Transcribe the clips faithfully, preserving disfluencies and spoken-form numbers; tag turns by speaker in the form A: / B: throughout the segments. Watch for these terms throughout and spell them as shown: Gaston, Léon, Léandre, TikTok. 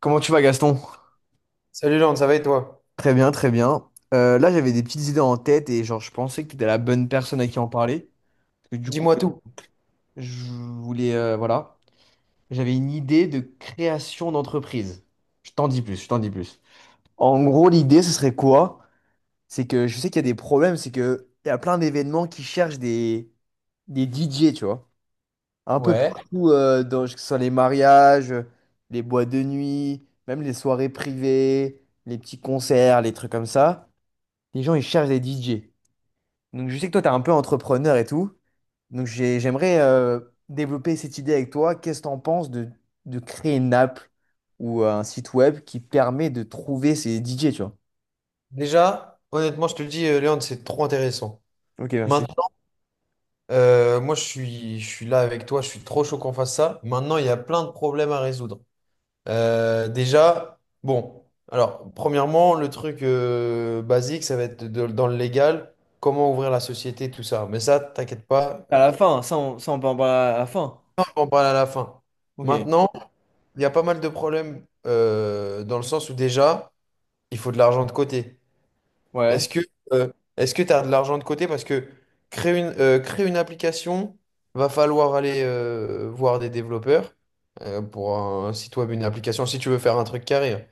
A: Comment tu vas, Gaston?
B: Salut Léon, ça va et toi?
A: Très bien, très bien. Euh, là, j'avais des petites idées en tête et genre, je pensais que tu étais la bonne personne à qui en parler. Parce que du coup,
B: Dis-moi tout.
A: je voulais, euh, voilà, j'avais une idée de création d'entreprise. Je t'en dis plus, je t'en dis plus. En gros, l'idée, ce serait quoi? C'est que je sais qu'il y a des problèmes, c'est que il y a plein d'événements qui cherchent des, des D J, tu vois. Un peu
B: Ouais,
A: partout, euh, dans, que ce soit les mariages, euh, les boîtes de nuit, même les soirées privées, les petits concerts, les trucs comme ça. Les gens, ils cherchent des D J. Donc, je sais que toi, tu es un peu entrepreneur et tout. Donc, j'ai- j'aimerais euh, développer cette idée avec toi. Qu'est-ce que tu en penses de, de créer une app ou euh, un site web qui permet de trouver ces D J, tu vois?
B: déjà, honnêtement, je te le dis, euh, Léon, c'est trop intéressant.
A: Ok, merci.
B: Maintenant, euh, moi, je suis, je suis là avec toi, je suis trop chaud qu'on fasse ça. Maintenant, il y a plein de problèmes à résoudre. Euh, déjà, bon, alors, premièrement, le truc euh, basique, ça va être de- dans le légal, comment ouvrir la société, tout ça. Mais ça, t'inquiète pas, euh,
A: À la fin, ça on, ça, on peut en parler à la fin.
B: on en parle à la fin.
A: Ok,
B: Maintenant, il y a pas mal de problèmes euh, dans le sens où déjà, il faut de l'argent de côté.
A: ouais.
B: Est-ce que euh, est-ce que tu as de l'argent de côté? Parce que créer une, euh, créer une application, va falloir aller euh, voir des développeurs euh, pour un site web, une application, si tu veux faire un truc carré.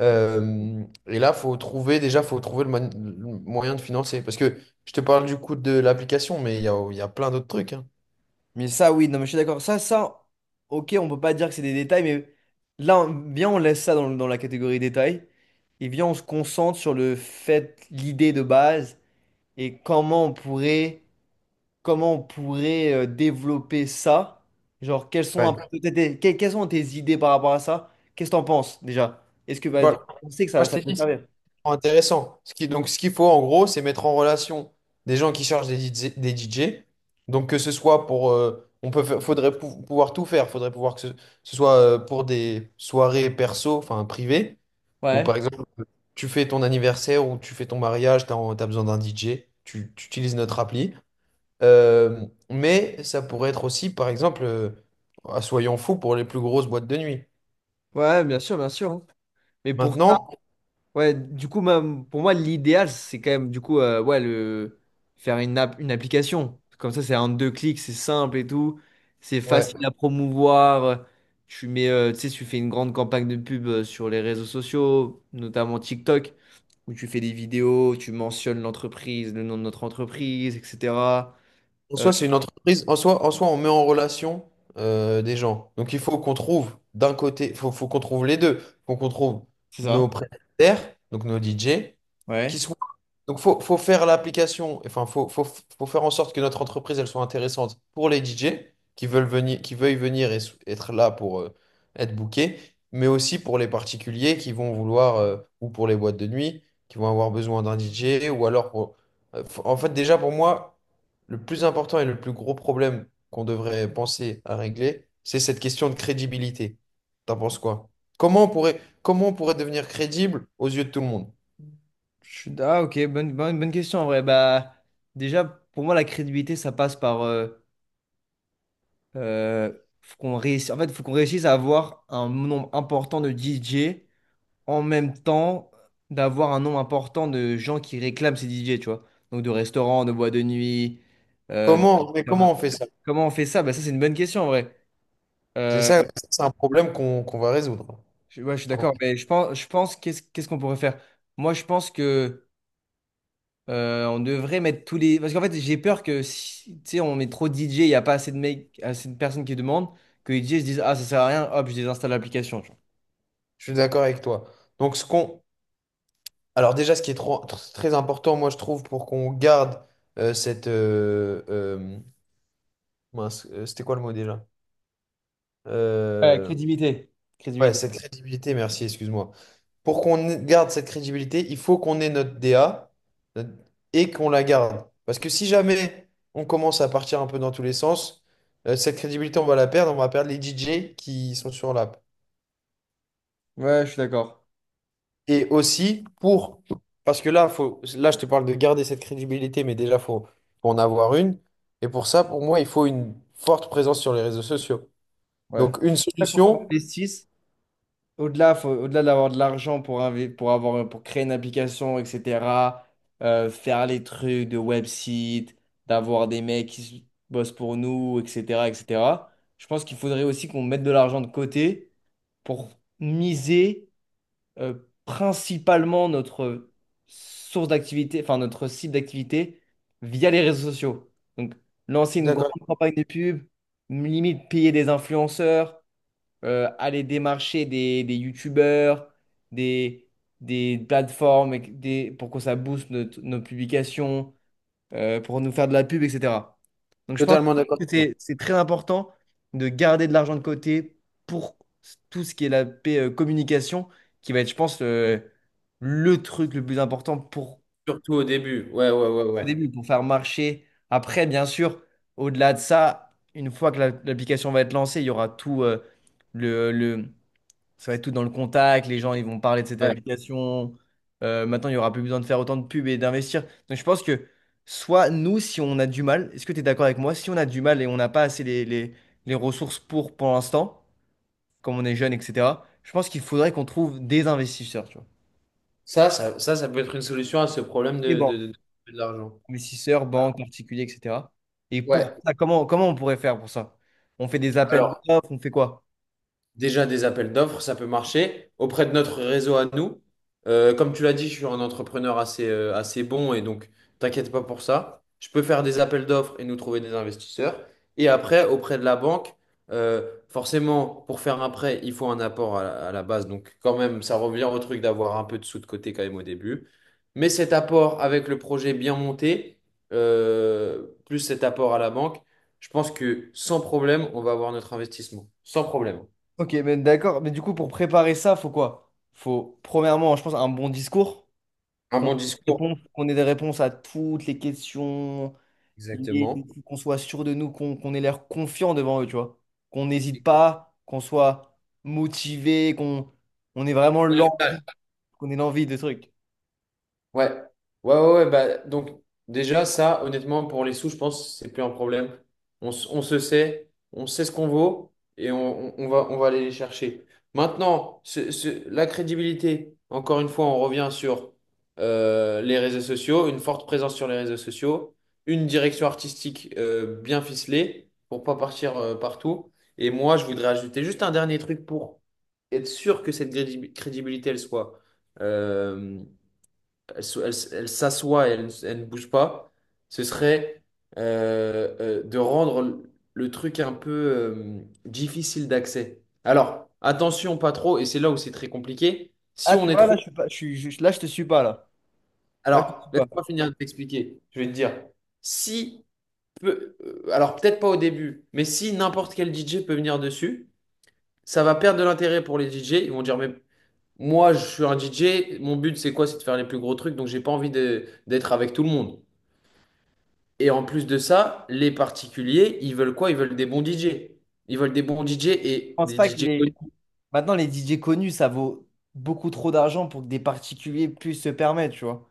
B: Euh, et là, faut trouver, déjà, faut trouver le, man- le moyen de financer. Parce que je te parle du coût de l'application, mais il y a, il y a plein d'autres trucs, hein.
A: Mais ça, oui, non, mais je suis d'accord. Ça, ça, ok, on peut pas dire que c'est des détails, mais là, on- viens, on laisse ça dans, dans la catégorie détails. Et viens, on se concentre sur le fait, l'idée de base, et comment on pourrait, comment on pourrait euh, développer ça. Genre, quelles sont, un
B: Ouais.
A: peu tes- tes- que- quelles sont tes idées par rapport à ça? Qu'est-ce que t'en penses déjà? Est-ce que bah,
B: Voilà.
A: on sait que
B: Moi,
A: ça,
B: je
A: ça
B: t'ai
A: peut
B: dit.
A: servir?
B: Intéressant. Ce qui, donc, ce qu'il faut en gros, c'est mettre en relation des gens qui chargent des D J. des D J. Donc, que ce soit pour, euh, on peut, fa- faudrait pou- pouvoir tout faire. Faudrait pouvoir que ce, ce soit euh, pour des soirées perso, enfin privées, ou
A: Ouais.
B: par exemple, tu fais ton anniversaire ou tu fais ton mariage, tu as besoin d'un D J, tu, tu utilises notre appli. Euh, mais ça pourrait être aussi, par exemple, euh, ah, soyons fous pour les plus grosses boîtes de nuit.
A: Ouais, bien sûr, bien sûr. Mais pour
B: Maintenant,
A: Ouais, du coup, même, pour moi, l'idéal, c'est quand même, du coup, euh, ouais, le, faire une, app- une application. Comme ça, c'est en deux clics, c'est simple et tout. C'est
B: ouais.
A: facile à promouvoir. Tu mets, euh, tu sais, tu fais une grande campagne de pub euh, sur les réseaux sociaux, notamment TikTok, où tu fais des vidéos, tu mentionnes l'entreprise, le nom de notre entreprise, et cetera.
B: En
A: Euh,
B: soi, c'est une entreprise. En soi, en soi, on met en relation euh, des gens. Donc, il faut qu'on trouve d'un côté, il faut, faut qu'on trouve les deux. Faut qu'on trouve
A: c'est
B: nos
A: ça?
B: prestataires, donc nos D J, qui
A: Ouais.
B: soient donc, faut, faut faire l'application, enfin, faut, faut, faut faire en sorte que notre entreprise, elle soit intéressante pour les D J qui veulent venir, qui veuillent venir et s- être là pour euh, être bookés, mais aussi pour les particuliers qui vont vouloir, euh, ou pour les boîtes de nuit, qui vont avoir besoin d'un D J, ou alors pour... euh, f- en fait, déjà, pour moi, le plus important et le plus gros problème qu'on devrait penser à régler, c'est cette question de crédibilité. T'en penses quoi? Comment on pourrait, comment on pourrait devenir crédible aux yeux de tout le monde?
A: Je suis- Ah, ok, bonne, bonne, bonne question en vrai. Bah, déjà, pour moi, la crédibilité, ça passe par, euh, Euh, faut qu'on réussisse, en fait, faut qu'on réussisse à avoir un nombre important de D J en même temps d'avoir un nombre important de gens qui réclament ces D J, tu vois. Donc de restaurants, de boîtes de nuit, euh, de-
B: Comment, mais comment on fait ça?
A: comment on fait ça? Bah, ça, c'est une bonne question en vrai.
B: C'est
A: Euh,
B: ça, c'est un problème qu'on qu'on va résoudre.
A: je, ouais, je suis
B: En
A: d'accord,
B: vrai.
A: mais je pense, je pense qu'est-ce qu'est-ce qu'on pourrait faire? Moi, je pense que euh, on devrait mettre tous les. Parce qu'en fait, j'ai peur que si tu sais, on met trop de D J, il n'y a pas assez de mecs, assez de personnes qui demandent, que les D J se disent, ah, ça sert à rien, hop, je désinstalle l'application.
B: Je suis d'accord avec toi. Donc, ce qu'on... Alors déjà, ce qui est trop- tr- très important, moi, je trouve, pour qu'on garde euh, cette... euh, euh, mince, euh, c'était quoi le mot déjà?
A: Ouais,
B: Euh,
A: crédibilité.
B: ouais,
A: Crédibilité.
B: cette crédibilité, merci, excuse-moi. Pour qu'on ait- garde cette crédibilité, il faut qu'on ait notre D A notre- et qu'on la garde. Parce que si jamais on commence à partir un peu dans tous les sens, euh, cette crédibilité, on va la perdre, on va perdre les D J qui sont sur la.
A: Ouais, je suis d'accord.
B: Et aussi pour, parce que là, faut, là, je te parle de garder cette crédibilité, mais déjà, faut, faut en avoir une. Et pour ça, pour moi, il faut une forte présence sur les réseaux sociaux.
A: Ouais.
B: Donc, une
A: Il faut qu'on
B: solution,
A: investisse. Au-delà, faut- au-delà d'avoir de l'argent pour, invi- pour avoir, pour créer une application, et cetera, euh, faire les trucs de website, d'avoir des mecs qui s- bossent pour nous, et cetera, et cetera. Je pense qu'il faudrait aussi qu'on mette de l'argent de côté pour miser, euh, principalement notre source d'activité, enfin notre site d'activité via les réseaux sociaux. Donc, lancer
B: je suis
A: une grande
B: d'accord,
A: campagne de pub, limite payer des influenceurs, euh, aller démarcher des, des youtubeurs, des, des plateformes et que- des, pour que ça booste notre- nos publications, euh, pour nous faire de la pub, et cetera. Donc je pense
B: totalement d'accord
A: que
B: avec
A: c'est
B: toi.
A: c'est très important de garder de l'argent de côté pour tout ce qui est la P- euh, communication, qui va être, je pense, euh, le truc le plus important pour
B: Surtout au début. Ouais, ouais, ouais,
A: au
B: ouais.
A: début, pour faire marcher. Après, bien sûr, au-delà de ça, une fois que la- l'application va être lancée, il y aura tout, euh, le, le- ça va être tout dans le contact, les gens ils vont parler de cette
B: Ouais.
A: application. Euh, maintenant, il n'y aura plus besoin de faire autant de pubs et d'investir. Donc je pense que soit nous, si on a du mal, est-ce que tu es d'accord avec moi? Si on a du mal et on n'a pas assez les, les, les ressources pour pour l'instant, comme on est jeune, et cetera, je pense qu'il faudrait qu'on trouve des investisseurs, tu vois.
B: Ça, ça, ça, ça peut être une solution à ce problème
A: Des
B: de, de,
A: banques.
B: de- de l'argent.
A: Investisseurs, banques, particuliers, et cetera. Et pour
B: Ouais.
A: ça, comment, comment on pourrait faire pour ça? On fait des appels
B: Alors,
A: d'offres, on fait quoi?
B: déjà, des appels d'offres, ça peut marcher. Auprès de notre réseau à nous, euh, comme tu l'as dit, je suis un entrepreneur assez, euh, assez bon et donc t'inquiète pas pour ça. Je peux faire des appels d'offres et nous trouver des investisseurs. Et après, auprès de la banque, euh, forcément, pour faire un prêt, il faut un apport à la, à la base. Donc, quand même, ça revient au truc d'avoir un peu de sous de côté quand même au début. Mais cet apport avec le projet bien monté, euh, plus cet apport à la banque, je pense que sans problème, on va avoir notre investissement. Sans problème.
A: Ok, mais d'accord. Mais du coup, pour préparer ça, faut quoi? Faut, premièrement, je pense, un bon discours,
B: Un
A: qu'on ait
B: bon
A: des
B: discours,
A: réponses, qu'on ait des réponses à toutes les questions, liées,
B: exactement.
A: qu'on soit sûr de nous, qu'on qu'on ait l'air confiant devant eux, tu vois. Qu'on n'hésite pas, qu'on soit motivé, qu'on on ait vraiment
B: Ouais,
A: l'envie, qu'on ait l'envie de trucs.
B: ouais, ouais, ouais, bah, donc déjà ça, honnêtement, pour les sous, je pense que c'est plus un problème. On, s- on se sait, on sait ce qu'on vaut et on, on- on va, on va aller les chercher. Maintenant, ce- ce- la crédibilité, encore une fois, on revient sur euh, les réseaux sociaux, une forte présence sur les réseaux sociaux, une direction artistique euh, bien ficelée pour pas partir euh, partout. Et moi, je voudrais ajouter juste un dernier truc pour être sûr que cette crédi- crédibilité, elle soit, euh, elle, so- elle s- elle s'assoit et elle, ne elle ne bouge pas, ce serait euh, euh, de rendre le le truc un peu euh, difficile d'accès. Alors, attention, pas trop, et c'est là où c'est très compliqué. Si
A: Ah,
B: on
A: tu
B: est
A: vois,
B: trop...
A: là, je suis pas, je suis, je- là, je te suis pas, là. Là, je te
B: Alors,
A: suis pas. Je
B: laisse-moi finir de t'expliquer. Je vais te dire, si... peu- euh, alors, peut-être pas au début, mais si n'importe quel D J peut venir dessus, ça va perdre de l'intérêt pour les D J. Ils vont dire, mais moi, je suis un D J. Mon but, c'est quoi? C'est de faire les plus gros trucs. Donc, j'ai pas envie de- d'être avec tout le monde. Et en plus de ça, les particuliers, ils veulent quoi? Ils veulent des bons D J. Ils veulent des bons D J et
A: pense
B: des
A: pas que
B: D J
A: les...
B: connus.
A: Maintenant, les D J connus, ça vaut beaucoup trop d'argent pour que des particuliers puissent se permettre, tu vois.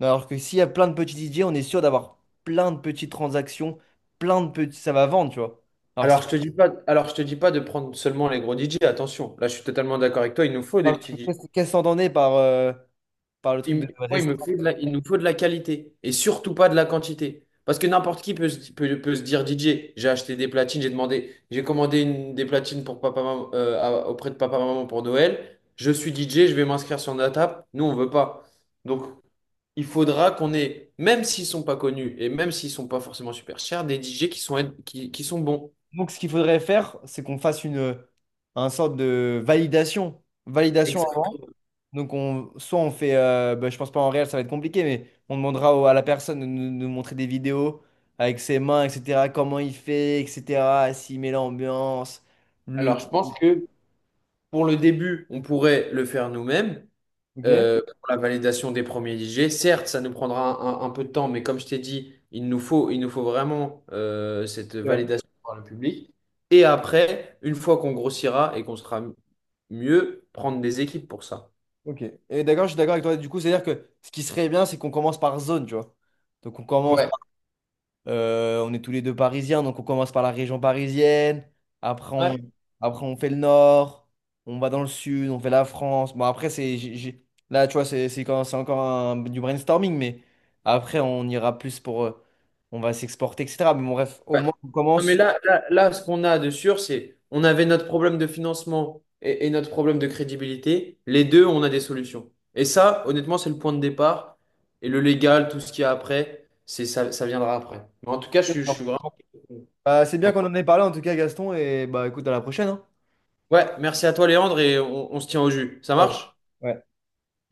A: Alors que s'il y a plein de petits D J, on est sûr d'avoir plein de petites transactions, plein de petits... Ça va vendre, tu vois. Alors que si
B: Alors, je te dis pas, alors, je te dis pas de prendre seulement les gros D J. Attention. Là, je suis totalement d'accord avec toi. Il nous faut des
A: Alors,
B: petits.
A: Qu'est-ce qu'est-ce qu'on entendait par, euh, par le
B: Il,
A: truc
B: me-
A: de
B: moi, il me
A: restaurant?
B: faut de la- il nous faut de la qualité et surtout pas de la quantité. Parce que n'importe qui peut, se- peut, peut se dire D J, j'ai acheté des platines, j'ai demandé, j'ai commandé une, des platines pour papa, maman, euh, à- auprès de papa maman pour Noël. Je suis D J, je vais m'inscrire sur notre app. Nous, on veut pas. Donc, il faudra qu'on ait, même s'ils sont pas connus et même s'ils sont pas forcément super chers, des D J qui sont, qui, qui sont bons.
A: Donc, ce qu'il faudrait faire, c'est qu'on fasse une, un sorte de validation. Validation.
B: Exact.
A: Avant. Donc, on, soit on fait, euh, bah, je pense pas en réel, ça va être compliqué, mais on demandera au- à la personne de nous, nous montrer des vidéos avec ses mains, et cetera. Comment il fait, et cetera. S'il met l'ambiance, le.
B: Alors, je pense que pour le début, on pourrait le faire nous-mêmes,
A: Ok.
B: euh, pour la validation des premiers I G. Certes, ça nous prendra un, un- un peu de temps, mais comme je t'ai dit, il nous faut, il nous faut vraiment euh, cette
A: Ouais.
B: validation par le public. Et après, une fois qu'on grossira et qu'on sera mieux, prendre des équipes pour ça.
A: Ok. Et d'accord, je suis d'accord avec toi. Du coup, c'est-à-dire que ce qui serait bien, c'est qu'on commence par zone, tu vois. Donc, on commence
B: Ouais.
A: Euh, on est tous les deux parisiens, donc on commence par la région parisienne. Après, on,
B: Ouais.
A: après, on fait le nord. On va dans le sud, on fait la France. Bon, après, c'est, j'ai- j'ai- là, tu vois, c'est c'est quand- c'est encore un- du brainstorming, mais après, on ira plus pour, euh, on va s'exporter, et cetera. Mais bon, bref, au moins, on
B: Non, mais
A: commence.
B: là, là, là, ce qu'on a de sûr, c'est on avait notre problème de financement et, et notre problème de crédibilité. Les deux, on a des solutions. Et ça, honnêtement, c'est le point de départ. Et le légal, tout ce qu'il y a après, c'est ça, ça viendra après. Mais en tout cas, je, suis- je suis
A: Ouais.
B: vraiment.
A: Bah, c'est bien qu'on en ait parlé, en tout cas, Gaston. Et bah, écoute, à la prochaine, hein.
B: Ouais, merci à toi, Léandre, et on on se tient au jus. Ça
A: Ciao.
B: marche?
A: Ouais.